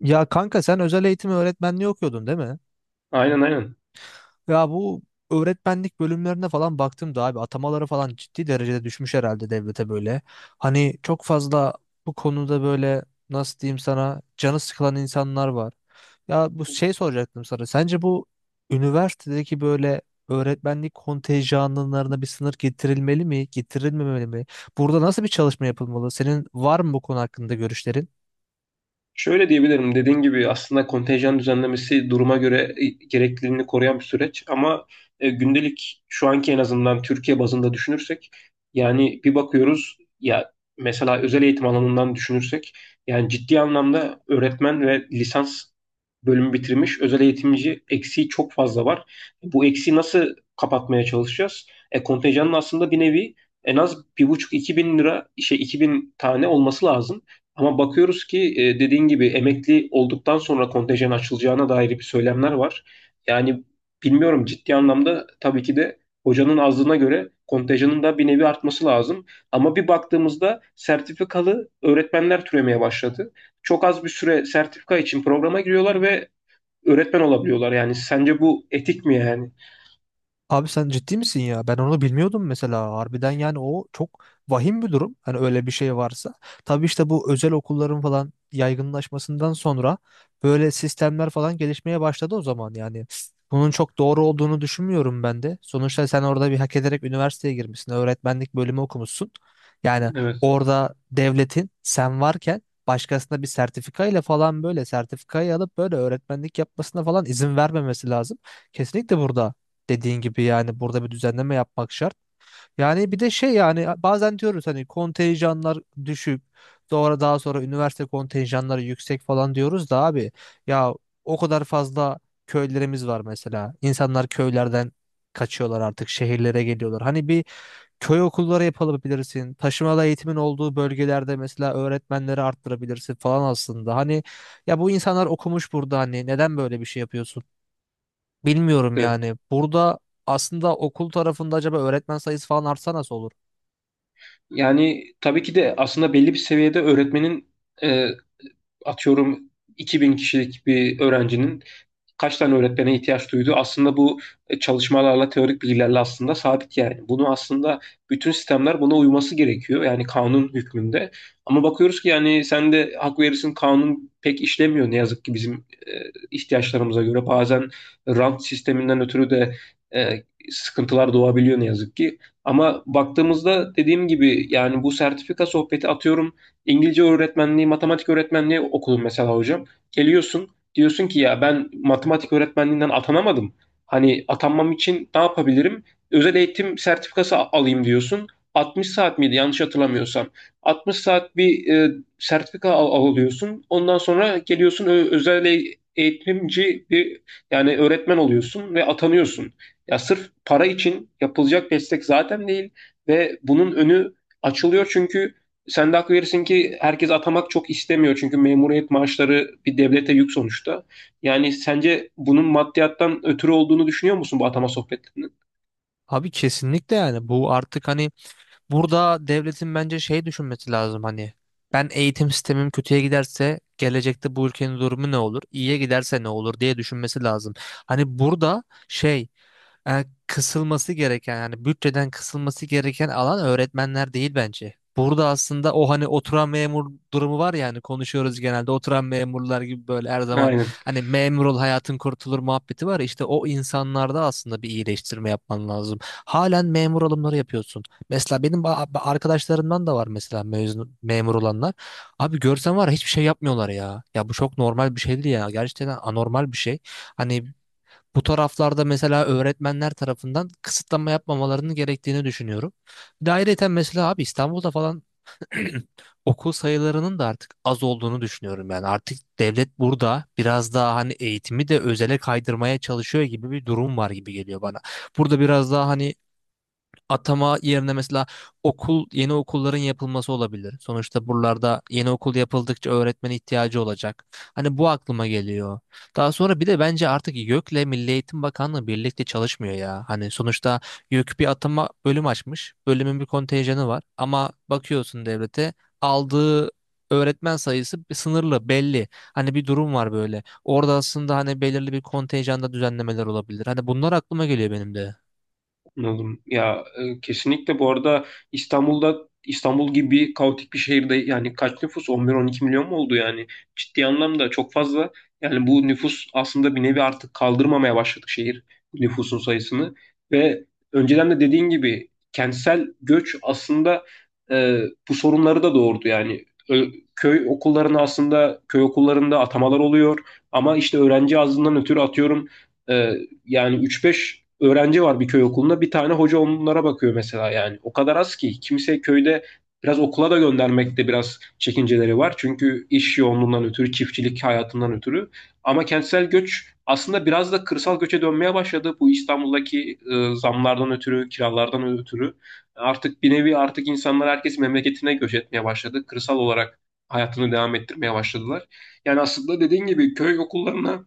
Ya kanka sen özel eğitim öğretmenliği okuyordun değil mi? Aynen aynen. Ya bu öğretmenlik bölümlerine falan baktığımda abi atamaları falan ciddi derecede düşmüş herhalde devlete böyle. Hani çok fazla bu konuda böyle nasıl diyeyim sana canı sıkılan insanlar var. Ya bu şey soracaktım sana. Sence bu üniversitedeki böyle öğretmenlik kontenjanlarına bir sınır getirilmeli mi, getirilmemeli mi? Burada nasıl bir çalışma yapılmalı? Senin var mı bu konu hakkında görüşlerin? Şöyle diyebilirim. Dediğin gibi aslında kontenjan düzenlemesi duruma göre gerekliliğini koruyan bir süreç ama gündelik şu anki en azından Türkiye bazında düşünürsek yani bir bakıyoruz ya mesela özel eğitim alanından düşünürsek yani ciddi anlamda öğretmen ve lisans bölümü bitirmiş özel eğitimci eksiği çok fazla var. Bu eksiği nasıl kapatmaya çalışacağız? Kontenjanın aslında bir nevi en az 1,5 2.000 lira şey 2.000 tane olması lazım. Ama bakıyoruz ki dediğin gibi emekli olduktan sonra kontenjan açılacağına dair bir söylemler var. Yani bilmiyorum ciddi anlamda tabii ki de hocanın azlığına göre kontenjanın da bir nevi artması lazım. Ama bir baktığımızda sertifikalı öğretmenler türemeye başladı. Çok az bir süre sertifika için programa giriyorlar ve öğretmen olabiliyorlar. Yani sence bu etik mi yani? Abi sen ciddi misin ya? Ben onu bilmiyordum mesela. Harbiden yani o çok vahim bir durum. Hani öyle bir şey varsa. Tabii işte bu özel okulların falan yaygınlaşmasından sonra böyle sistemler falan gelişmeye başladı o zaman yani. Bunun çok doğru olduğunu düşünmüyorum ben de. Sonuçta sen orada bir hak ederek üniversiteye girmişsin. Öğretmenlik bölümü okumuşsun. Yani Evet. orada devletin sen varken başkasına bir sertifikayla falan böyle sertifikayı alıp böyle öğretmenlik yapmasına falan izin vermemesi lazım. Kesinlikle burada. Dediğin gibi yani burada bir düzenleme yapmak şart. Yani bir de şey yani bazen diyoruz hani kontenjanlar düşük. Sonra daha sonra üniversite kontenjanları yüksek falan diyoruz da abi ya o kadar fazla köylerimiz var mesela. İnsanlar köylerden kaçıyorlar artık şehirlere geliyorlar. Hani bir köy okulları yapabilirsin. Taşımalı eğitimin olduğu bölgelerde mesela öğretmenleri arttırabilirsin falan aslında. Hani ya bu insanlar okumuş burada hani neden böyle bir şey yapıyorsun? Bilmiyorum Evet. yani. Burada aslında okul tarafında acaba öğretmen sayısı falan artsa nasıl olur? Yani tabii ki de aslında belli bir seviyede öğretmenin e, atıyorum 2000 kişilik bir öğrencinin kaç tane öğretmene ihtiyaç duydu. Aslında bu çalışmalarla, teorik bilgilerle aslında sabit yani. Bunu aslında bütün sistemler buna uyması gerekiyor. Yani kanun hükmünde. Ama bakıyoruz ki yani sen de hak verirsin kanun pek işlemiyor ne yazık ki bizim e, ihtiyaçlarımıza göre. Bazen rant sisteminden ötürü de e, sıkıntılar doğabiliyor ne yazık ki. Ama baktığımızda dediğim gibi yani bu sertifika sohbeti atıyorum İngilizce öğretmenliği, matematik öğretmenliği okudum mesela hocam. Geliyorsun diyorsun ki ya ben matematik öğretmenliğinden atanamadım. Hani atanmam için ne yapabilirim? Özel eğitim sertifikası alayım diyorsun. 60 saat miydi yanlış hatırlamıyorsam. 60 saat bir sertifika alıyorsun. Ondan sonra geliyorsun özel eğitimci bir yani öğretmen oluyorsun ve atanıyorsun. Ya sırf para için yapılacak destek zaten değil ve bunun önü açılıyor çünkü sen de hak verirsin ki herkes atamak çok istemiyor. Çünkü memuriyet maaşları bir devlete yük sonuçta. Yani sence bunun maddiyattan ötürü olduğunu düşünüyor musun bu atama sohbetlerinin? Abi kesinlikle yani bu artık hani burada devletin bence şey düşünmesi lazım hani ben eğitim sistemim kötüye giderse gelecekte bu ülkenin durumu ne olur? İyiye giderse ne olur diye düşünmesi lazım. Hani burada şey kısılması gereken yani bütçeden kısılması gereken alan öğretmenler değil bence. Burada aslında o hani oturan memur durumu var ya hani konuşuyoruz genelde oturan memurlar gibi böyle her zaman Aynen. hani memur ol hayatın kurtulur muhabbeti var ya, işte o insanlarda aslında bir iyileştirme yapman lazım. Halen memur alımları yapıyorsun. Mesela benim arkadaşlarımdan da var mesela mezun, memur olanlar. Abi görsen var ya hiçbir şey yapmıyorlar ya. Ya bu çok normal bir şey değil ya. Gerçekten anormal bir şey. Hani bu taraflarda mesela öğretmenler tarafından kısıtlama yapmamalarının gerektiğini düşünüyorum. Bir de ayrıyeten mesela abi İstanbul'da falan okul sayılarının da artık az olduğunu düşünüyorum. Yani artık devlet burada biraz daha hani eğitimi de özele kaydırmaya çalışıyor gibi bir durum var gibi geliyor bana. Burada biraz daha hani atama yerine mesela yeni okulların yapılması olabilir. Sonuçta buralarda yeni okul yapıldıkça öğretmen ihtiyacı olacak. Hani bu aklıma geliyor. Daha sonra bir de bence artık YÖK'le Milli Eğitim Bakanlığı birlikte çalışmıyor ya. Hani sonuçta YÖK bir atama bölüm açmış. Bölümün bir kontenjanı var ama bakıyorsun devlete aldığı öğretmen sayısı sınırlı belli. Hani bir durum var böyle. Orada aslında hani belirli bir kontenjanda düzenlemeler olabilir. Hani bunlar aklıma geliyor benim de. Anladım. Ya kesinlikle bu arada İstanbul'da İstanbul gibi kaotik bir şehirde yani kaç nüfus? 11-12 milyon mu oldu yani? Ciddi anlamda çok fazla. Yani bu nüfus aslında bir nevi artık kaldırmamaya başladık şehir nüfusun sayısını. Ve önceden de dediğin gibi kentsel göç aslında e, bu sorunları da doğurdu. Yani köy okullarına aslında köy okullarında atamalar oluyor. Ama işte öğrenci azlığından ötürü atıyorum e, yani 3-5 öğrenci var bir köy okulunda. Bir tane hoca onlara bakıyor mesela yani. O kadar az ki. Kimse köyde biraz okula da göndermekte biraz çekinceleri var. Çünkü iş yoğunluğundan ötürü, çiftçilik hayatından ötürü. Ama kentsel göç aslında biraz da kırsal göçe dönmeye başladı. Bu İstanbul'daki zamlardan ötürü, kiralardan ötürü. Artık bir nevi artık insanlar herkes memleketine göç etmeye başladı. Kırsal olarak hayatını devam ettirmeye başladılar. Yani aslında dediğin gibi köy okullarına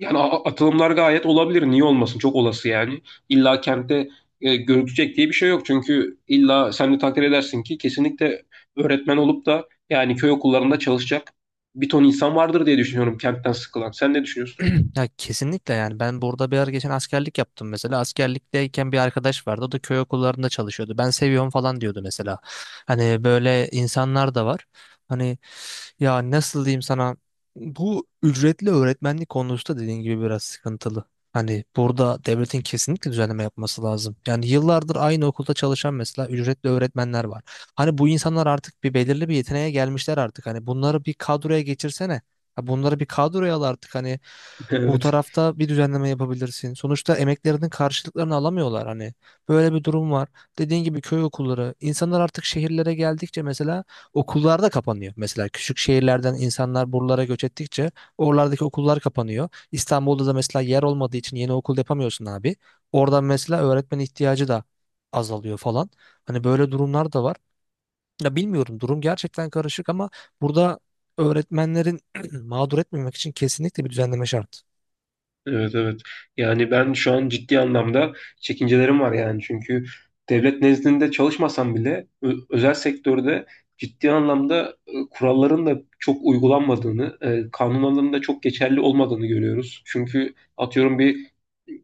yani atılımlar gayet olabilir. Niye olmasın? Çok olası yani. İlla kentte gözükecek diye bir şey yok. Çünkü illa sen de takdir edersin ki kesinlikle öğretmen olup da yani köy okullarında çalışacak bir ton insan vardır diye düşünüyorum kentten sıkılan. Sen ne düşünüyorsun? Ya kesinlikle yani ben burada bir ara geçen askerlik yaptım mesela askerlikteyken bir arkadaş vardı o da köy okullarında çalışıyordu ben seviyorum falan diyordu mesela hani böyle insanlar da var hani ya nasıl diyeyim sana bu ücretli öğretmenlik konusu da dediğin gibi biraz sıkıntılı hani burada devletin kesinlikle düzenleme yapması lazım yani yıllardır aynı okulda çalışan mesela ücretli öğretmenler var hani bu insanlar artık bir belirli bir yeteneğe gelmişler artık hani bunları bir kadroya geçirsene. Ya bunları bir kadroya al artık hani bu Evet. tarafta bir düzenleme yapabilirsin. Sonuçta emeklerinin karşılıklarını alamıyorlar hani. Böyle bir durum var. Dediğin gibi köy okulları. İnsanlar artık şehirlere geldikçe mesela okullar da kapanıyor. Mesela küçük şehirlerden insanlar buralara göç ettikçe oralardaki okullar kapanıyor. İstanbul'da da mesela yer olmadığı için yeni okul yapamıyorsun abi. Oradan mesela öğretmen ihtiyacı da azalıyor falan. Hani böyle durumlar da var. Ya bilmiyorum durum gerçekten karışık ama burada öğretmenlerin mağdur etmemek için kesinlikle bir düzenleme şart. Evet evet. Yani ben şu an ciddi anlamda çekincelerim var yani. Çünkü devlet nezdinde çalışmasam bile özel sektörde ciddi anlamda kuralların da çok uygulanmadığını, kanunların da çok geçerli olmadığını görüyoruz. Çünkü atıyorum bir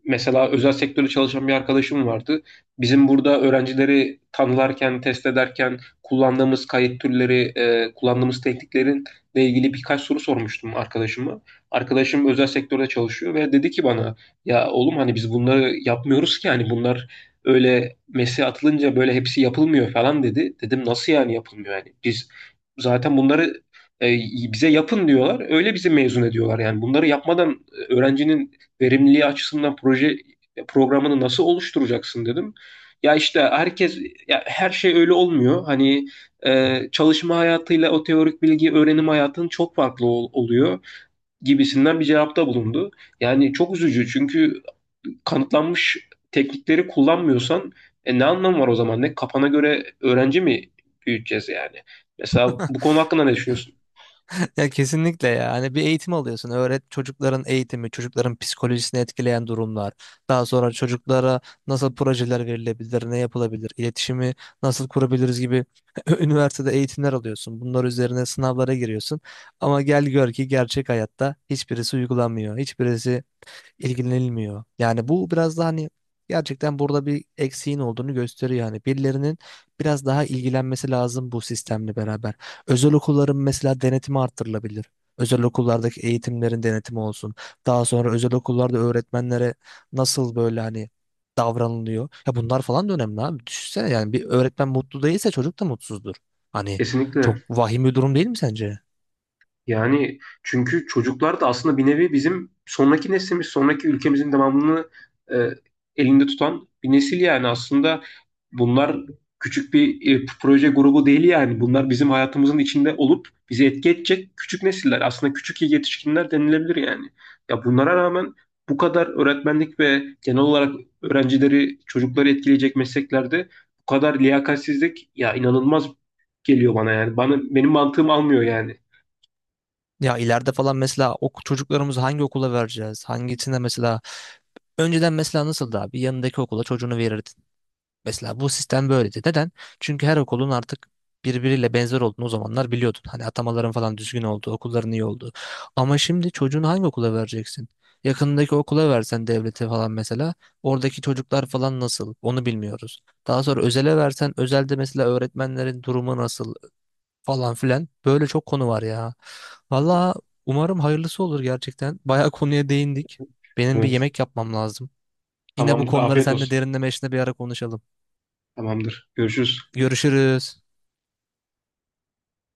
mesela özel sektörde çalışan bir arkadaşım vardı. Bizim burada öğrencileri tanılarken, test ederken kullandığımız kayıt türleri, kullandığımız tekniklerin ile ilgili birkaç soru sormuştum arkadaşıma. Arkadaşım özel sektörde çalışıyor ve dedi ki bana ya oğlum hani biz bunları yapmıyoruz ki hani bunlar öyle mesleğe atılınca böyle hepsi yapılmıyor falan dedi. Dedim nasıl yani yapılmıyor yani biz zaten bunları e, bize yapın diyorlar öyle bizi mezun ediyorlar yani bunları yapmadan öğrencinin verimliliği açısından proje programını nasıl oluşturacaksın dedim. Ya işte herkes ya her şey öyle olmuyor. Hani çalışma hayatıyla o teorik bilgi öğrenim hayatının çok farklı oluyor gibisinden bir cevapta bulundu. Yani çok üzücü çünkü kanıtlanmış teknikleri kullanmıyorsan ne anlamı var o zaman? Ne kafana göre öğrenci mi büyüteceğiz yani? Mesela bu konu hakkında ne düşünüyorsun? Ya kesinlikle ya. Hani bir eğitim alıyorsun. Çocukların eğitimi, çocukların psikolojisini etkileyen durumlar. Daha sonra çocuklara nasıl projeler verilebilir, ne yapılabilir, iletişimi nasıl kurabiliriz gibi üniversitede eğitimler alıyorsun. Bunlar üzerine sınavlara giriyorsun. Ama gel gör ki gerçek hayatta hiçbirisi uygulanmıyor. Hiçbirisi ilgilenilmiyor. Yani bu biraz daha hani gerçekten burada bir eksiğin olduğunu gösteriyor. Yani birilerinin biraz daha ilgilenmesi lazım bu sistemle beraber. Özel okulların mesela denetimi arttırılabilir. Özel okullardaki eğitimlerin denetimi olsun. Daha sonra özel okullarda öğretmenlere nasıl böyle hani davranılıyor. Ya bunlar falan da önemli abi. Düşünsene yani bir öğretmen mutlu değilse çocuk da mutsuzdur. Hani çok Kesinlikle. vahim bir durum değil mi sence? Yani çünkü çocuklar da aslında bir nevi bizim sonraki neslimiz, sonraki ülkemizin devamını e, elinde tutan bir nesil yani aslında bunlar küçük bir proje grubu değil yani. Bunlar bizim hayatımızın içinde olup bizi etki edecek küçük nesiller. Aslında küçük yetişkinler denilebilir yani. Ya bunlara rağmen bu kadar öğretmenlik ve genel olarak öğrencileri, çocukları etkileyecek mesleklerde bu kadar liyakatsizlik ya inanılmaz geliyor bana yani. Bana benim mantığım almıyor yani. Ya ileride falan mesela çocuklarımızı hangi okula vereceğiz? Hangisine mesela önceden mesela nasıldı abi? Yanındaki okula çocuğunu verirdin. Mesela bu sistem böyleydi. Neden? Çünkü her okulun artık birbiriyle benzer olduğunu o zamanlar biliyordun. Hani atamaların falan düzgün olduğu, okulların iyi olduğu. Ama şimdi çocuğunu hangi okula vereceksin? Yakınındaki okula versen devlete falan mesela oradaki çocuklar falan nasıl onu bilmiyoruz. Daha sonra özele versen özelde mesela öğretmenlerin durumu nasıl falan filan böyle çok konu var ya. Valla umarım hayırlısı olur gerçekten. Bayağı konuya değindik. Benim bir Evet. yemek yapmam lazım. Yine bu Tamamdır. konuları Afiyet seninle olsun. derinleme işinde bir ara konuşalım. Tamamdır. Görüşürüz. Görüşürüz.